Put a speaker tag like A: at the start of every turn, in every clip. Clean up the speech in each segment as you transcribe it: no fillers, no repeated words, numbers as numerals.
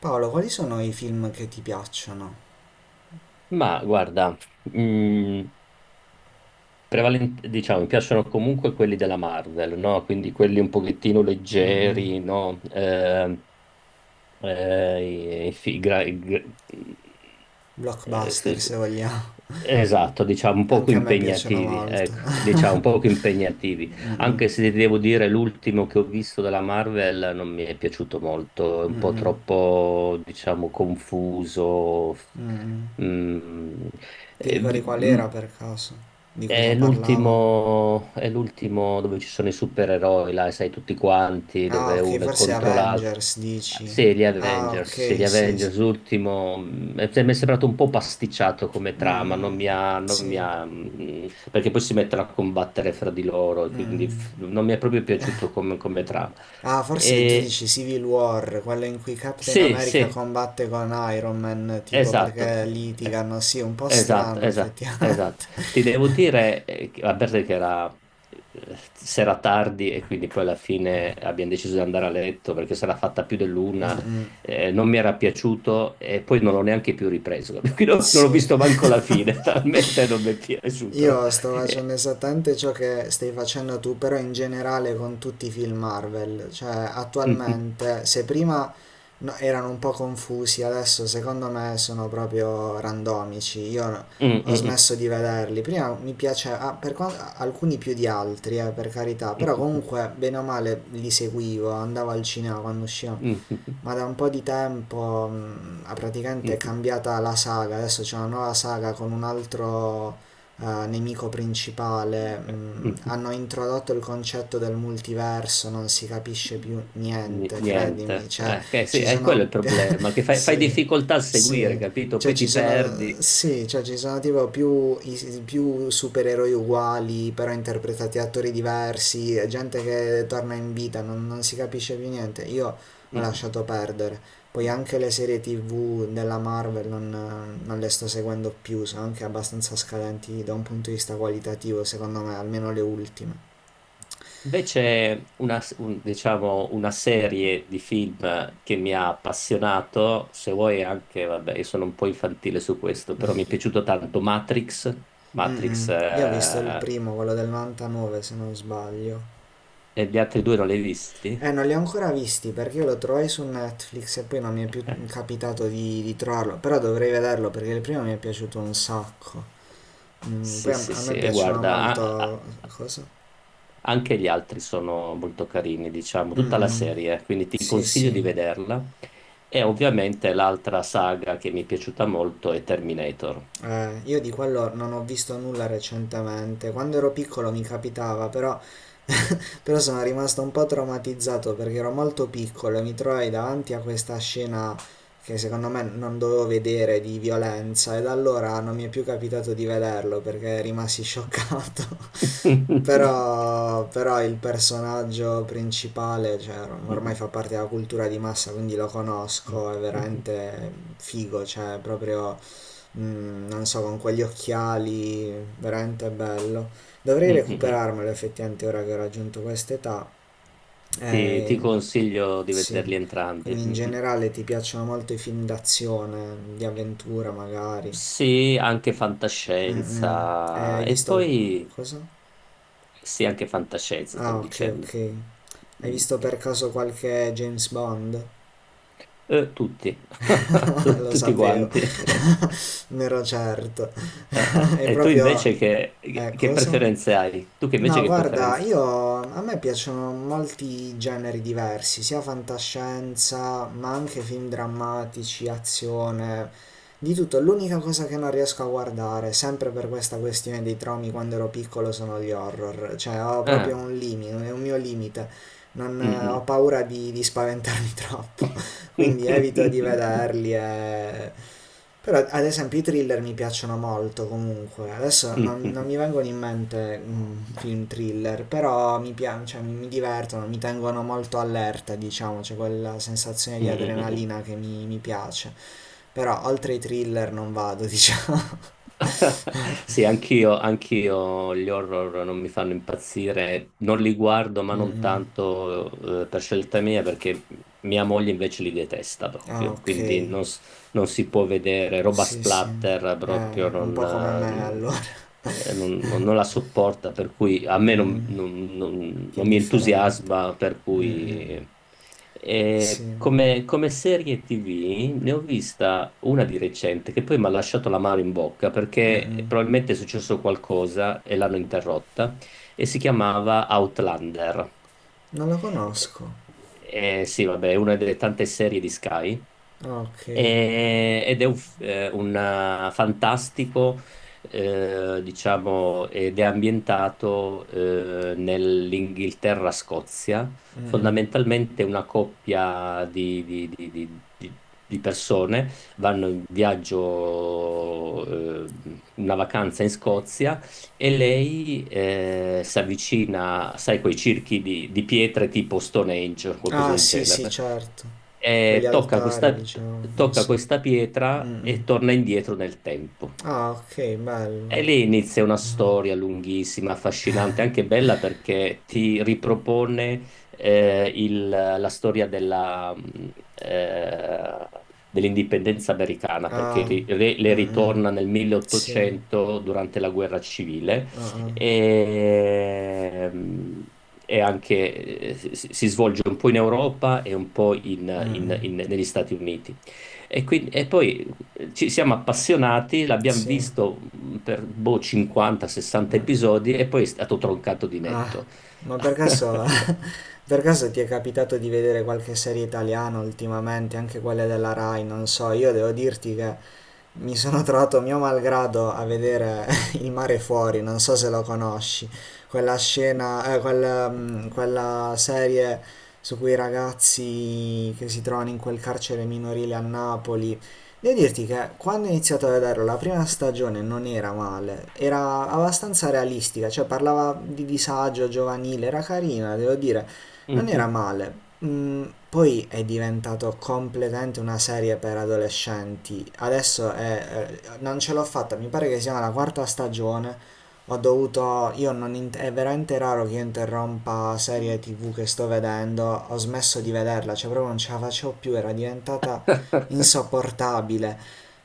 A: Paolo, quali sono i film che ti piacciono?
B: Ma guarda, mm, diciamo, mi piacciono comunque quelli della Marvel, no? Quindi quelli un pochettino
A: Mm-mm.
B: leggeri, no? Eh, i- i- gra- i- gra- sì,
A: Blockbuster,
B: sì.
A: se vogliamo.
B: Esatto, diciamo un poco
A: Anche a me piacciono
B: impegnativi,
A: molto.
B: ecco, diciamo un poco impegnativi, anche
A: Mm-mm.
B: se ti devo dire l'ultimo che ho visto della Marvel non mi è piaciuto molto, è un po'
A: Mm-mm.
B: troppo, diciamo, confuso.
A: Mm-mm.
B: Mm,
A: Ti
B: eh,
A: ricordi
B: vi-
A: qual
B: mm,
A: era per caso? Di cosa parlavano?
B: è l'ultimo dove ci sono i supereroi, là, sai, tutti quanti,
A: Ah,
B: dove
A: ok,
B: uno è
A: forse
B: contro l'altro.
A: Avengers, dici. Ah,
B: Sì, gli
A: ok, sì, sì.
B: Avengers, l'ultimo, mi è sembrato un po' pasticciato come trama, non
A: Mm-mm.
B: mi ha, non mi
A: Sì.
B: ha, mm, perché poi si mettono a combattere fra di loro, e quindi
A: Mm-mm.
B: non mi è proprio piaciuto come, come trama.
A: Ah, forse tu
B: E-
A: dici Civil War, quello in cui Captain
B: sì,
A: America
B: sì,
A: combatte con Iron Man, tipo
B: esatto.
A: perché
B: Eh,
A: litigano. Sì, un po'
B: Esatto,
A: strano,
B: esatto,
A: effettivamente.
B: esatto. Ti devo dire, a parte che era sera tardi e quindi poi alla fine abbiamo deciso di andare a letto perché sarà fatta più dell'una, non mi era piaciuto e poi non l'ho neanche più ripreso. Quindi non, non ho
A: Sì,
B: visto manco la fine, talmente non mi è piaciuto.
A: io sto facendo
B: Eh,
A: esattamente ciò che stai facendo tu, però in generale con tutti i film Marvel, cioè
B: mm,
A: attualmente se prima erano un po' confusi. Adesso secondo me sono proprio randomici, io
B: mm,
A: ho
B: mm,
A: smesso di vederli, prima mi piaceva, ah, alcuni più di altri, per carità, però
B: mm,
A: comunque bene o male li seguivo, andavo al cinema quando uscivano,
B: mm, mm,
A: ma da un po' di tempo ha praticamente è
B: mm,
A: cambiata la saga, adesso c'è una nuova saga con un altro nemico principale.
B: mm, mm.
A: Hanno introdotto il concetto del multiverso, non si capisce più niente, credimi,
B: Niente,
A: cioè
B: sì,
A: ci
B: è quello
A: sono...
B: il problema, che fai, fai
A: sì,
B: difficoltà a seguire,
A: sì,
B: capito?
A: cioè
B: Poi ti perdi.
A: sì, cioè ci sono tipo più, più supereroi uguali, però interpretati da attori diversi, gente che torna in vita, non si capisce più niente, io
B: Mm,
A: ho
B: mm.
A: lasciato perdere. Poi anche
B: mm.
A: le serie TV della Marvel non le sto seguendo più, sono anche abbastanza scadenti da un punto di vista qualitativo, secondo me, almeno le ultime.
B: Invece una, diciamo, una serie di film che mi ha appassionato, se vuoi anche, vabbè, io sono un po' infantile su questo, però mi è piaciuto tanto Matrix, Matrix,
A: Mm-mm. Io ho visto il
B: eh,
A: primo, quello del 99 se non sbaglio.
B: E gli altri due non li hai visti?
A: Non li ho ancora visti perché io lo trovai su Netflix e poi non mi è più capitato di trovarlo, però dovrei vederlo perché il primo mi è piaciuto un sacco. Poi
B: Sì,
A: a,
B: sì,
A: a
B: sì,
A: me
B: e
A: piacciono
B: guarda, a-
A: molto.
B: a-
A: Cosa?
B: anche gli altri sono molto carini, diciamo, tutta la
A: Mm-mm.
B: serie, quindi ti
A: Sì,
B: consiglio
A: sì.
B: di vederla. E ovviamente l'altra saga che mi è piaciuta molto è Terminator.
A: Io di quello non ho visto nulla recentemente. Quando ero piccolo mi capitava, però sono rimasto un po' traumatizzato perché ero molto piccolo e mi trovai davanti a questa scena che secondo me non dovevo vedere di violenza e da allora non mi è più capitato di vederlo perché rimasi scioccato. Però, il personaggio principale, cioè, ormai fa parte della cultura di massa, quindi lo conosco, è veramente figo, cioè, proprio, non so, con quegli occhiali, veramente bello. Dovrei recuperarmelo effettivamente ora che ho raggiunto quest'età.
B: Ti
A: Eh,
B: consiglio di
A: sì,
B: vederli entrambi.
A: quindi in
B: Mm.
A: generale ti piacciono molto i film d'azione, di avventura magari.
B: Sì, anche
A: Mm, mm.
B: fantascienza.
A: Hai
B: E
A: visto,
B: poi
A: cosa?
B: sì, anche fantascienza,
A: Ah,
B: stavo
A: ok,
B: dicendo.
A: ok. Hai
B: Mm.
A: visto per caso qualche James Bond?
B: Tutti,
A: Lo
B: Tutti
A: sapevo,
B: quanti.
A: ne ero certo. È
B: Eh. E tu
A: proprio.
B: invece che
A: Cosa?
B: preferenze hai? Tu che invece
A: No,
B: che
A: guarda,
B: preferenze?
A: io a me piacciono molti generi diversi, sia fantascienza, ma anche film drammatici, azione, di tutto. L'unica cosa che non riesco a guardare, sempre per questa questione dei traumi quando ero piccolo, sono gli horror. Cioè, ho
B: Ah,
A: proprio un limite, è un mio limite. Non,
B: mm,
A: ho
B: mm.
A: paura di spaventarmi troppo, quindi evito di vederli. Però ad esempio i thriller mi piacciono molto comunque. Adesso
B: Mm,
A: non,
B: mm, mm,
A: non mi
B: mm.
A: vengono in mente film thriller, però mi piacciono, cioè, mi divertono, mi tengono molto allerta, diciamo, c'è quella sensazione
B: mm.
A: di
B: mm, mm.
A: adrenalina che mi piace. Però oltre i thriller non vado, diciamo.
B: Sì, anch'io, anch'io gli horror non mi fanno impazzire, non li guardo, ma
A: Mm,
B: non
A: mm.
B: tanto per scelta mia, perché mia moglie invece li detesta
A: Ah,
B: proprio,
A: ok.
B: quindi non, non si può vedere roba
A: Sì, sì.
B: splatter, proprio
A: È un po' come
B: non,
A: me
B: eh,
A: allora.
B: non la sopporta, per cui a
A: Mm,
B: me non,
A: mm. Che
B: non mi
A: indifferente.
B: entusiasma, per
A: Mm, mm.
B: cui
A: Sì.
B: come, come serie TV ne ho vista una di recente che poi mi ha lasciato la mano in bocca perché
A: Mm-mm.
B: probabilmente è successo qualcosa e l'hanno interrotta e si chiamava Outlander.
A: Non la
B: Eh,
A: conosco.
B: sì, vabbè, è una delle tante serie di Sky
A: Ah, ok.
B: ed è un, fantastico, diciamo, ed è ambientato nell'Inghilterra-Scozia,
A: Mm-mm.
B: fondamentalmente una coppia di, di persone vanno in viaggio, una vacanza in Scozia e lei si avvicina, sai, quei circhi di pietre tipo Stone Age o qualcosa
A: Ah,
B: del
A: sì,
B: genere,
A: sì, certo. Quegli
B: e
A: altari, diciamo, non
B: tocca
A: so.
B: questa pietra
A: Mm-mm.
B: e torna indietro nel tempo.
A: Ah, ok, bello.
B: E lì inizia una storia lunghissima, affascinante, anche bella perché ti ripropone la storia della, dell'indipendenza americana, perché
A: Ah,
B: le
A: mm-mm.
B: ritorna nel
A: Sì.
B: 1800 durante la guerra civile
A: Ah, ah.
B: e, mh, e anche si, si svolge un po' in Europa e un po'
A: Mm-mm.
B: negli Stati Uniti. E poi ci siamo appassionati, l'abbiamo
A: Sì.
B: visto per boh, 50-60
A: Mm.
B: episodi e poi è stato troncato di
A: Ah,
B: netto.
A: ma per caso Per caso ti è capitato di vedere qualche serie italiana ultimamente, anche quelle della Rai? Non so, io devo dirti che mi sono trovato mio malgrado a vedere Il mare fuori, non so se lo conosci, quella scena, quella, mm, quella serie su quei ragazzi che si trovano in quel carcere minorile a Napoli. Devo dirti che quando ho iniziato a vederlo la prima stagione non era male, era abbastanza realistica, cioè parlava di disagio giovanile, era carina, devo dire, non era
B: Mhm.
A: male. Poi è diventato completamente una serie per adolescenti. Adesso non ce l'ho fatta, mi pare che sia la quarta stagione. Ho dovuto, io non int- è veramente raro che io interrompa serie TV che sto vedendo. Ho smesso di vederla, cioè proprio non ce la facevo più, era diventata insopportabile.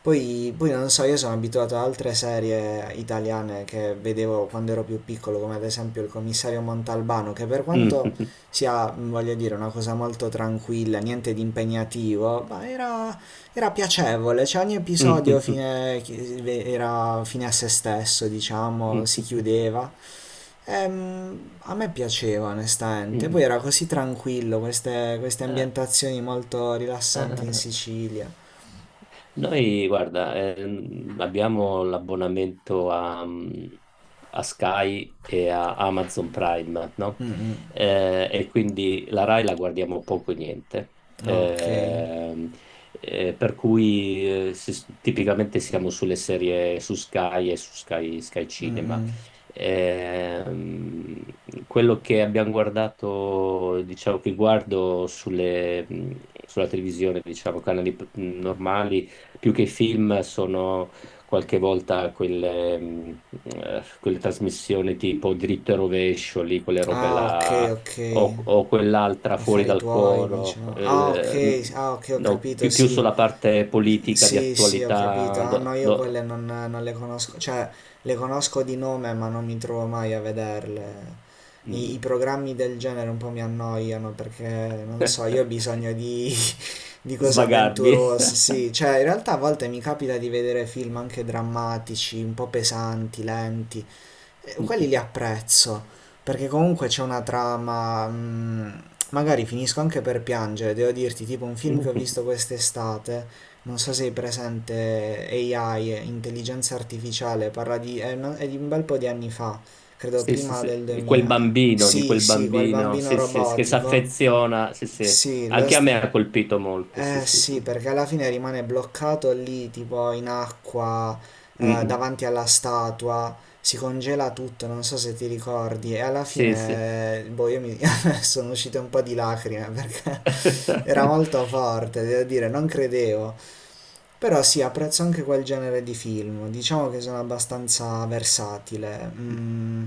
A: Poi, non so, io sono abituato ad altre serie italiane che vedevo quando ero più piccolo, come ad esempio il commissario Montalbano, che per quanto sia, voglio dire, una cosa molto tranquilla, niente di impegnativo, ma era piacevole, cioè ogni episodio
B: Mhm.
A: era fine a se stesso, diciamo,
B: Mhm.
A: si
B: Mhm. Mhm.
A: chiudeva. A me piaceva onestamente, poi era così tranquillo, queste
B: Eh,
A: ambientazioni molto rilassanti
B: eh,
A: in
B: eh.
A: Sicilia.
B: Noi, guarda, abbiamo l'abbonamento a, a Sky e a Amazon Prime, no? E quindi la Rai la guardiamo poco e niente.
A: Ah, ok.
B: Ehm, per cui tipicamente siamo sulle serie su Sky e su Sky, Sky Cinema. Ehm, quello che abbiamo guardato, diciamo che guardo sulle, sulla televisione, diciamo, canali normali più che i film sono qualche volta quelle, quelle trasmissioni tipo Dritto e Rovescio, lì, quelle robe
A: Ah, ok,
B: là,
A: ok.
B: o, o quell'altra fuori
A: Affari
B: dal
A: tuoi,
B: coro,
A: diciamo. Ah, ok, ah, ok, ho
B: no,
A: capito,
B: più, più
A: sì.
B: sulla parte politica di
A: Sì, sì, ho capito.
B: attualità,
A: Ah, no, io quelle non le conosco, cioè le conosco di nome, ma non mi trovo mai a vederle. I
B: mm,
A: programmi del genere un po' mi annoiano perché non so, io ho bisogno di cose
B: svagarmi.
A: avventurose, sì, cioè in realtà a volte mi capita di vedere film anche drammatici, un po' pesanti, lenti, quelli li apprezzo, perché comunque c'è una trama, magari finisco anche per piangere, devo dirti, tipo un film che ho visto quest'estate, non so se hai presente AI, intelligenza artificiale, parla di, è di un bel po' di anni fa, credo
B: Sì, sì,
A: prima
B: sì.
A: del
B: E
A: 2000.
B: di
A: Sì,
B: quel
A: sì, quel
B: bambino,
A: bambino
B: sì, sì, che si
A: robotico,
B: affeziona, sì, sì.
A: sì, lo
B: Anche a me ha
A: sta.
B: colpito molto, sì,
A: Eh
B: sì, sì.
A: sì, perché alla fine rimane bloccato lì, tipo in acqua,
B: Mm, mm.
A: davanti alla statua, si congela tutto, non so se ti ricordi, e alla
B: Sì, sì.
A: fine, boh, io mi sono uscite un po' di lacrime perché era molto forte, devo dire, non credevo. Però sì, apprezzo anche quel genere di film, diciamo che sono abbastanza versatile.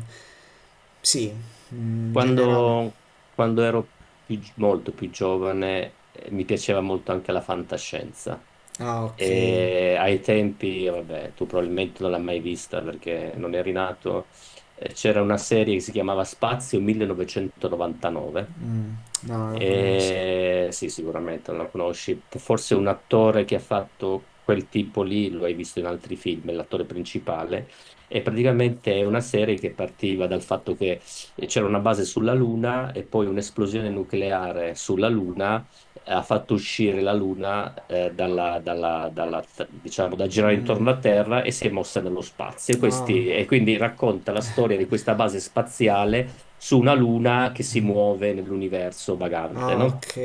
A: Sì, in generale.
B: Quando, quando ero molto più giovane, mi piaceva molto anche la fantascienza.
A: Ah, ok.
B: E ai tempi, vabbè, tu probabilmente non l'hai mai vista perché non eri nato, c'era una serie che si chiamava Spazio 1999.
A: Mm, no, non lo conosco.
B: Sì, sicuramente non la conosci. Forse un attore che ha fatto quel tipo lì, lo hai visto in altri film, è l'attore principale. E praticamente è una serie che partiva dal fatto che c'era una base sulla Luna e poi un'esplosione nucleare sulla Luna ha fatto uscire la Luna dalla, diciamo, da
A: Mm,
B: girare intorno alla
A: mm.
B: Terra e si è mossa nello spazio.
A: Ah.
B: E quindi racconta la storia di questa base spaziale su una luna che si muove nell'universo vagante,
A: Ah,
B: no?
A: ok.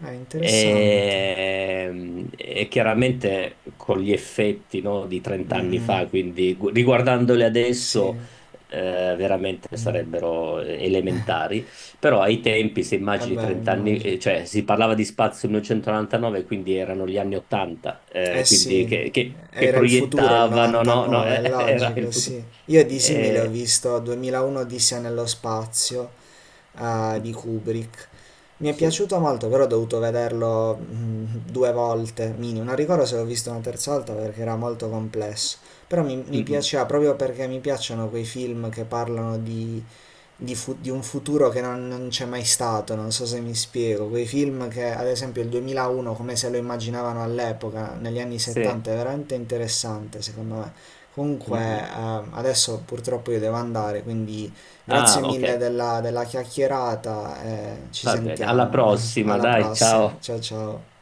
A: È interessante.
B: E chiaramente con gli effetti, no, di 30
A: Mm,
B: anni
A: mm.
B: fa, quindi riguardandoli
A: Sì.
B: adesso, veramente
A: Mm.
B: sarebbero elementari, però ai tempi, se
A: Eh
B: immagini
A: beh,
B: 30 anni,
A: immagino.
B: cioè si parlava di spazio nel 1999, quindi erano gli anni 80,
A: Eh
B: quindi
A: sì.
B: che, che
A: Era il futuro, il
B: proiettavano, no, no,
A: 99, è
B: era il
A: logico,
B: futuro.
A: sì. Io di simile ho
B: Eh,
A: visto 2001 Odissea nello spazio, di Kubrick. Mi è
B: sì.
A: piaciuto molto, però ho dovuto vederlo due volte, minimo. Non ricordo se l'ho visto una terza volta perché era molto complesso. Però mi,
B: Mm,
A: mi
B: mm.
A: piaceva proprio perché mi piacciono quei film che parlano di un futuro che non c'è mai stato, non so se mi spiego. Quei film che, ad esempio, il 2001, come se lo immaginavano all'epoca, negli anni
B: Sì.
A: 70, è veramente interessante, secondo me.
B: Mm,
A: Comunque,
B: mm.
A: adesso purtroppo io devo andare, quindi
B: Ah,
A: grazie
B: ok,
A: mille della chiacchierata e ci
B: va bene. Alla
A: sentiamo.
B: prossima,
A: Alla
B: dai,
A: prossima,
B: ciao.
A: ciao ciao.